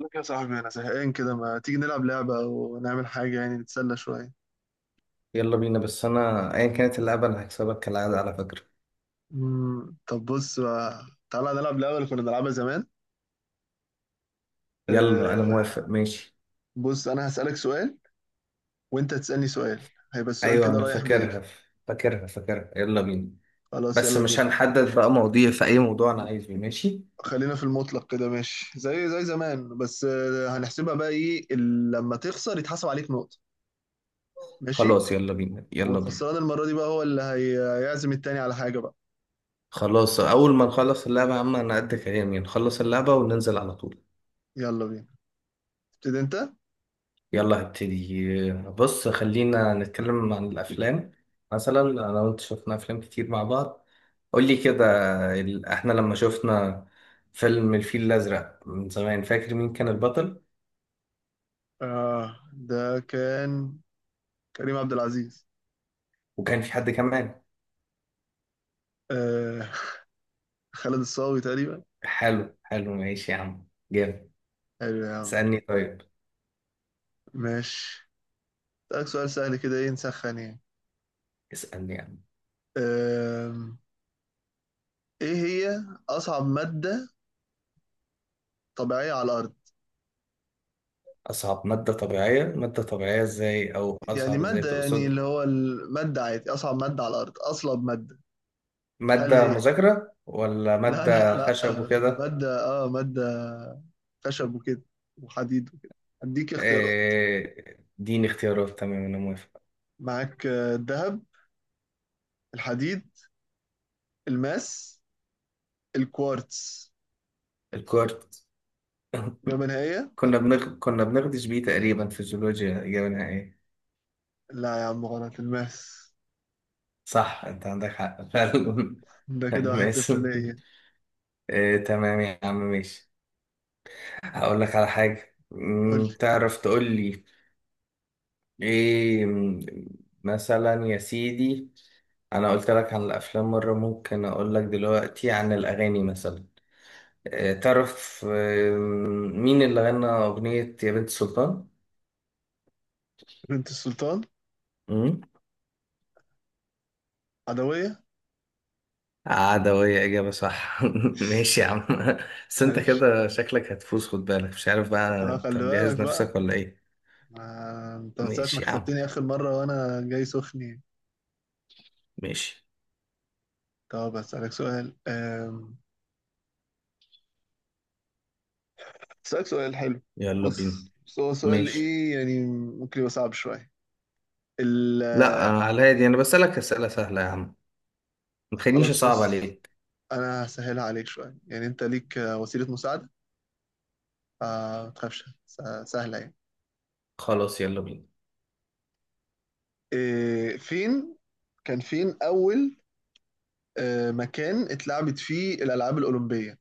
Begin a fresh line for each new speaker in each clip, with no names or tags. لك يا صاحبي، أنا زهقان كده. ما تيجي نلعب لعبة ونعمل حاجة، يعني نتسلى شوية؟
يلا بينا، بس انا ايا كانت اللعبة انا هكسبك كالعادة على فكرة.
مم. طب بص بقى، تعالى نلعب لعبة اللي كنا بنلعبها زمان.
يلا انا موافق،
أه.
ماشي.
بص، أنا هسألك سؤال، وأنت تسألني سؤال. هيبقى السؤال
ايوه،
كده
انا
رايح جاي.
فاكرها فاكرها فاكرها، يلا بينا.
خلاص،
بس
يلا
مش
بينا.
هنحدد بقى مواضيع، في اي موضوع انا عايزه، ماشي.
خلينا في المطلق كده، ماشي زي زمان. بس هنحسبها بقى إيه. لما تخسر يتحسب عليك نقطة. ماشي.
خلاص يلا بينا يلا بينا.
والخسران المرة دي بقى هو اللي هيعزم التاني على حاجة بقى.
خلاص، اول ما نخلص اللعبة يا عم انا قد كلامي، نخلص اللعبة وننزل على طول.
يلا بينا، تبتدي أنت.
يلا هبتدي، بص خلينا نتكلم عن الأفلام. مثلا أنا وأنت شفنا أفلام كتير مع بعض. قولي كده. إحنا لما شفنا فيلم الفيل الأزرق من زمان، فاكر مين كان البطل؟
آه، ده كان كريم عبد العزيز.
وكان في حد كمان؟
آه، خالد الصاوي تقريبا.
حلو حلو، ماشي يا عم، جامد.
حلو يا عم،
اسألني طيب.
ماشي. أسألك سؤال سهل كده، ايه نسخن يعني.
اسألني يا عم.
آم، ايه هي أصعب مادة طبيعية على الأرض؟
أصعب مادة طبيعية؟ مادة طبيعية إزاي أو
يعني
أصعب إزاي
مادة، يعني
تقصد؟
اللي هو المادة عادي، أصعب مادة على الأرض، أصلب مادة. هل
مادة
هي
مذاكرة ولا
لا لا
مادة
لا.
خشب
آه،
وكده؟
مادة خشب وكده، وحديد وكده. هديك اختيارات.
إيه، اديني اختيارات، تمام أنا موافق.
معاك الذهب، الحديد، الماس، الكوارتز.
الكورت.
إجابة نهائية.
كنا بنغدش بيه تقريبا في الجيولوجيا، إجابة ايه؟
لا يا عم، غلط. الماس.
صح، أنت عندك حق فعلا.
ده كده واحد
الماس.
صفر ليا.
إيه، تمام يا عم، ماشي. هقول لك على حاجة،
قول لي.
تعرف تقول لي إيه؟ مثلا يا سيدي، أنا قلت لك عن الأفلام مرة، ممكن أقول لك دلوقتي عن الأغاني مثلا. إيه تعرف مين اللي غنى أغنية يا بنت سلطان؟
بنت السلطان
مم؟
عدوية.
عدوية، إجابة صح. ماشي يا عم. بس أنت
ماشي.
كده شكلك هتفوز، خد بالك، مش عارف بقى
اه
أنت
خلي بالك
مجهز
بقى.
نفسك ولا إيه.
انت من ساعة ما
ماشي يا عم،
كسبتني آخر مرة، وأنا جاي سخني.
ماشي.
طب أسألك سؤال. أسألك سؤال حلو.
يلا بينا،
بص، بس هو سؤال
ماشي.
إيه يعني. ممكن يبقى صعب شوية. ال
لا،
آه،
على الهادي، أنا بسألك أسئلة سهلة يا عم، ما تخلينيش
خلاص
أصعب
بص،
عليك.
أنا هسهلها عليك شوية. يعني أنت ليك وسيلة مساعدة. ما تخافش، سهلة يعني.
خلاص يلا بينا.
إيه فين كان فين أول مكان اتلعبت فيه الألعاب الأولمبية؟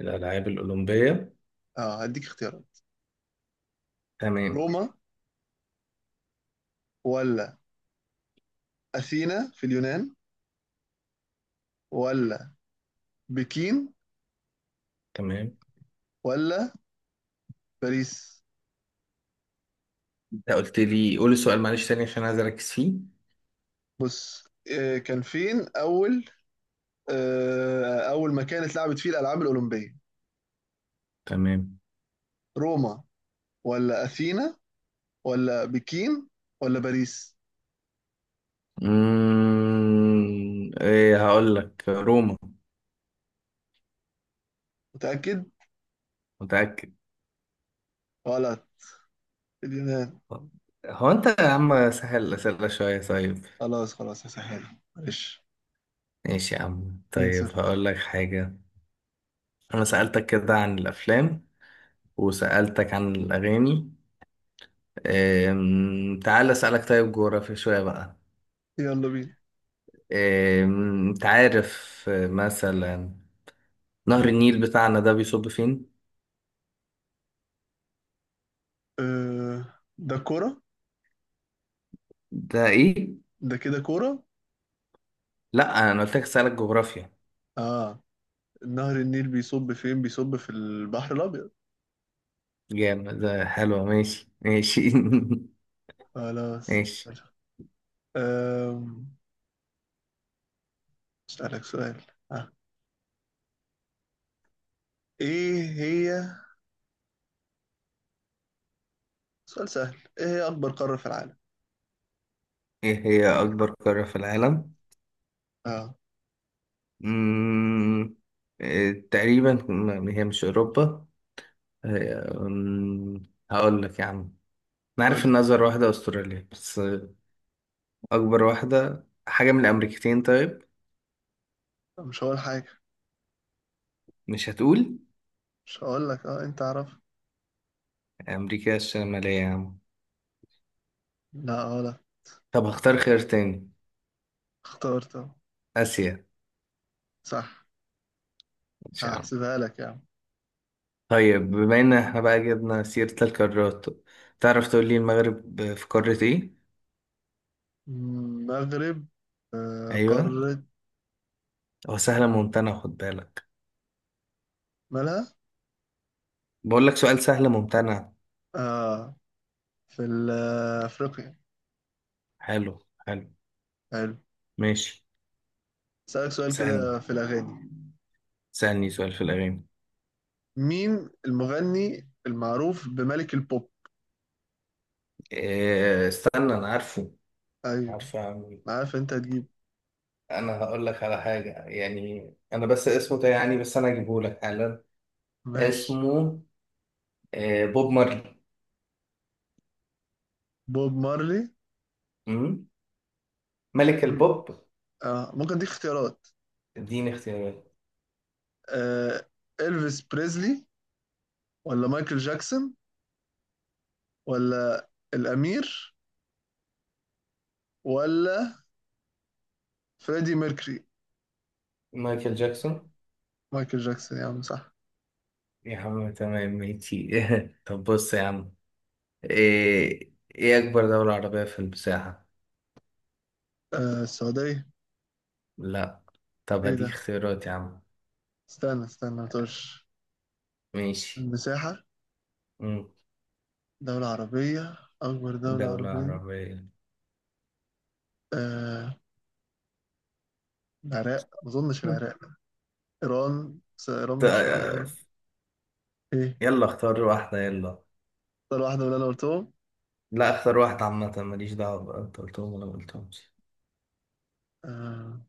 الألعاب الأولمبية.
اه هديك اختيارات.
تمام.
روما، ولا أثينا في اليونان، ولا بكين،
تمام،
ولا باريس؟
أنت قلت لي قول السؤال معلش تاني، عشان عايز أركز فيه.
بص، كان فين أول أول مكان اتلعبت فيه الألعاب الأولمبية؟
تمام.
روما، ولا أثينا، ولا بكين، ولا باريس؟
إيه، هقول لك روما.
متأكد؟
متأكد.
غلط، اليونان.
طب هو انت يا عم سهل الأسئلة شوية طيب.
خلاص خلاص هسهلها معلش.
ماشي يا عم، طيب
2-0.
هقول لك حاجة. أنا سألتك كده عن الأفلام، وسألتك عن الأغاني. تعال أسألك طيب جغرافيا شوية بقى.
يلا بينا.
أنت عارف مثلا نهر النيل بتاعنا ده بيصب فين؟
ده كرة.
ده إيه؟
ده كده كرة.
لأ، أنا قلت لك أسألك جغرافيا.
اه، نهر النيل بيصب فين؟ بيصب في البحر الأبيض.
جامد، ده حلوة، ماشي ماشي.
خلاص.
ماشي.
أم، أسألك سؤال. ها، إيه هي سؤال سهل، إيه هي أكبر قارة في العالم؟
إيه هي أكبر قارة في العالم؟
اه.
مم، تقريبا هي مش أوروبا. هي هقول لك يا عم، أنا
قول
عارف
لي.
إن أصغر واحدة أستراليا، بس أكبر واحدة حاجة من الأمريكتين، طيب.
مش هقول حاجة.
مش هتقول.
مش هقول لك، أنت عارف.
أمريكا الشمالية يا عم.
لا، غلط.
طب هختار خيار تاني.
اخترت أهو.
آسيا.
صح.
مش يا عم.
هحسبها لك يا عم.
طيب، بما إن إحنا بقى جبنا سيرة القارات، تعرف تقول لي المغرب في قارة إيه؟
المغرب
أيوه.
قارة.
هو سهلة ممتنة، خد بالك.
مالها.
بقول لك سؤال سهل ممتنع.
اه في أفريقيا.
حلو. حلو.
حلو.
ماشي.
أسألك سؤال
اسألني.
كده في الأغاني.
سألني سؤال في الأغاني.
مين المغني المعروف بملك البوب؟
إيه، استنى، أنا عارفه.
ايوه،
عارفه، أعمل إيه.
أنا عارف انت هتجيب.
أنا هقول لك على حاجة يعني، أنا بس اسمه ده يعني، بس أنا أجيبه لك حالا.
ماشي.
اسمه إيه؟ بوب مارلي.
بوب مارلي.
أمم؟ ملك البوب.
آه. ممكن اديك اختيارات.
اديني اختيارات.
آه. إلفيس بريزلي، ولا مايكل جاكسون، ولا الأمير، ولا فريدي ميركري؟
مايكل جاكسون.
مايكل جاكسون يا عم، صح.
يا عم، تمام، ماشي. طب بص يا عم، إيه أكبر دولة عربية في المساحة؟
السعودية.
لا. طب
ايه
هديك
ده،
اختيارات يا عم.
استنى استنى ما تقولش.
ماشي.
المساحة،
أمم،
دولة عربية، أكبر دولة
دولة
عربية.
عربية.
آه. العراق، ما أظنش العراق. إيران، بس إيران مش عربية. ايه.
يلا اختار واحدة يلا.
اختار واحدة، ولا أنا قلتهم؟
لا، اختار واحدة عامة، ماليش دعوة بقى انت قلتهم ولا ما قلتهمش.
آه.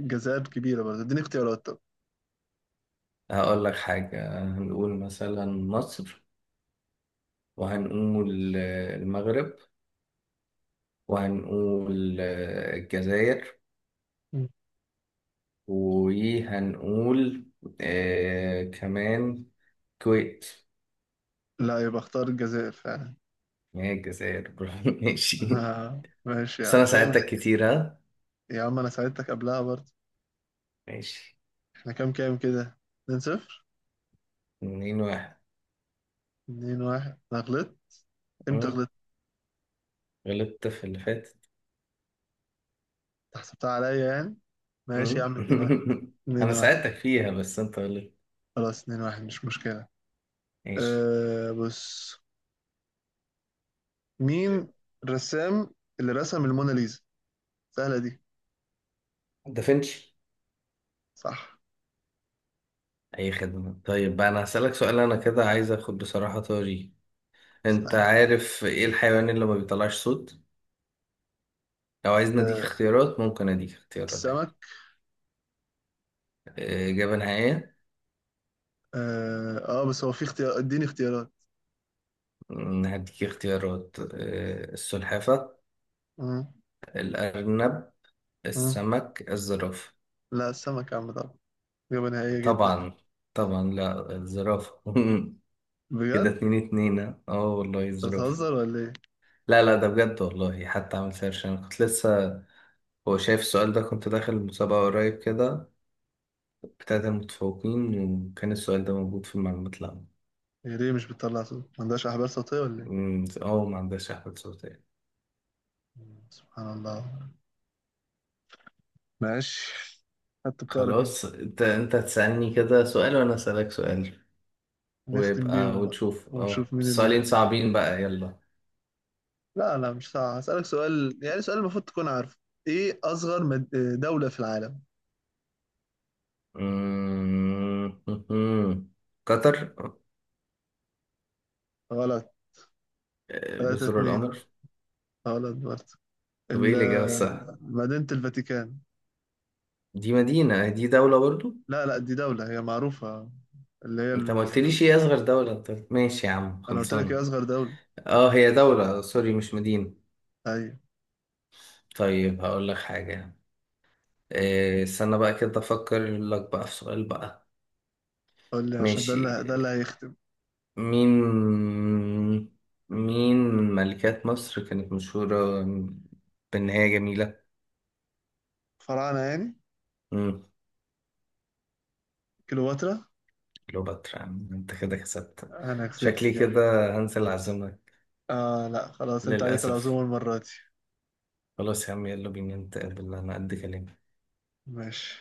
الجزائر كبيرة برضه، اديني اختيارات طب.
هقول لك حاجة، هنقول مثلا مصر، وهنقول المغرب، وهنقول الجزائر،
مم.
وهنقول كمان كويت.
لا، يبقى اختار الجزائر فعلا.
هي الجزائر. برافو، ماشي.
آه، ماشي يا
بس
عم،
انا
كام؟
ساعدتك كتير، ها.
يا عم، انا ساعدتك قبلها برضه.
ماشي.
احنا كام كام كده. 2 0.
2-1.
2 1، انا غلطت. امتى
أمم،
غلطت؟
غلطت في اللي فاتت.
أنت حسبتها عليا يعني. ماشي يا
أمم.
عم، 2 1. 2
انا
1
ساعدتك فيها بس انت غلطت.
خلاص. 2 1 مش مشكلة.
ماشي.
بص، مين الرسام اللي رسم الموناليزا؟ سهلة دي.
دافنشي.
صح.
اي خدمة. طيب بقى انا هسألك سؤال، انا كده عايز اخد بصراحة طاري. انت
سهلة.
عارف ايه الحيوان اللي ما بيطلعش صوت؟ لو عايزني اديك
آه،
اختيارات ممكن اديك اختيارات
السمك.
عادي. آه، اجابة نهائية.
بس هو في اختيار، اديني اختيارات.
هديك اختيارات، السلحفة،
مم.
الارنب،
مم.
السمك، الزرافة.
لا، السمك يا عم طبعا. إجابة نهائية جدا.
طبعا. طبعا لا، الزرافة. كده
بجد؟
2-2، ها؟ اه والله،
أنت
الزرافة.
بتهزر ولا إيه؟
لا لا، ده بجد والله، حتى عملت سيرش انا كنت لسه. هو شايف السؤال ده، كنت داخل المسابقة قريب كده، بتاعت المتفوقين، وكان السؤال ده موجود في المعلومات العامة.
هي ليه مش بتطلع صوت؟ ما عندهاش أحبال صوتية ولا إيه؟
اه، ما عندهاش أحمد صوتية.
مم. سبحان الله. ماشي. حتى بتعرف أنت.
خلاص، انت هتسألني كده سؤال وانا أسألك سؤال،
نختم
ويبقى
بيهم بقى.
ونشوف
ونشوف مين اللي
السؤالين
يكسب.
صعبين بقى، يلا.
لا لا مش صعب. هسألك سؤال، يعني سؤال المفروض تكون عارفه. إيه أصغر دولة في العالم؟
أمم، قطر.
غلط. 3
جزر
2.
القمر.
غلط برضه.
طب ايه الإجابة الصح؟
مدينة الفاتيكان.
دي مدينة، دي دولة برضو.
لا لا، دي دولة، هي معروفة. اللي هي.
انت ما قلتليش ايه أصغر دولة، ماشي يا عم،
أنا قلت لك هي
خلصانة.
أصغر دولة.
اه، هي دولة، سوري، مش مدينة.
أيوة.
طيب هقول لك حاجة. إيه، استنى بقى كده افكر لك بقى في سؤال بقى.
قول لي، عشان ده
ماشي.
اللي ده اللي هيختم.
مين مين من ملكات مصر كانت مشهورة بإن هي جميلة؟
فراعنة يعني.
مم.
كليوباترا.
كليوباترا. يا عم، انت كده كسبت.
انا كسبت
شكلي
يعني؟
كده هنسى العزومة.
اه لا، خلاص. انت عليك
للأسف.
العزومة المرة دي.
خلاص يا عم، يلا بينا نتقابل، أنا قد كلامي.
ماشي.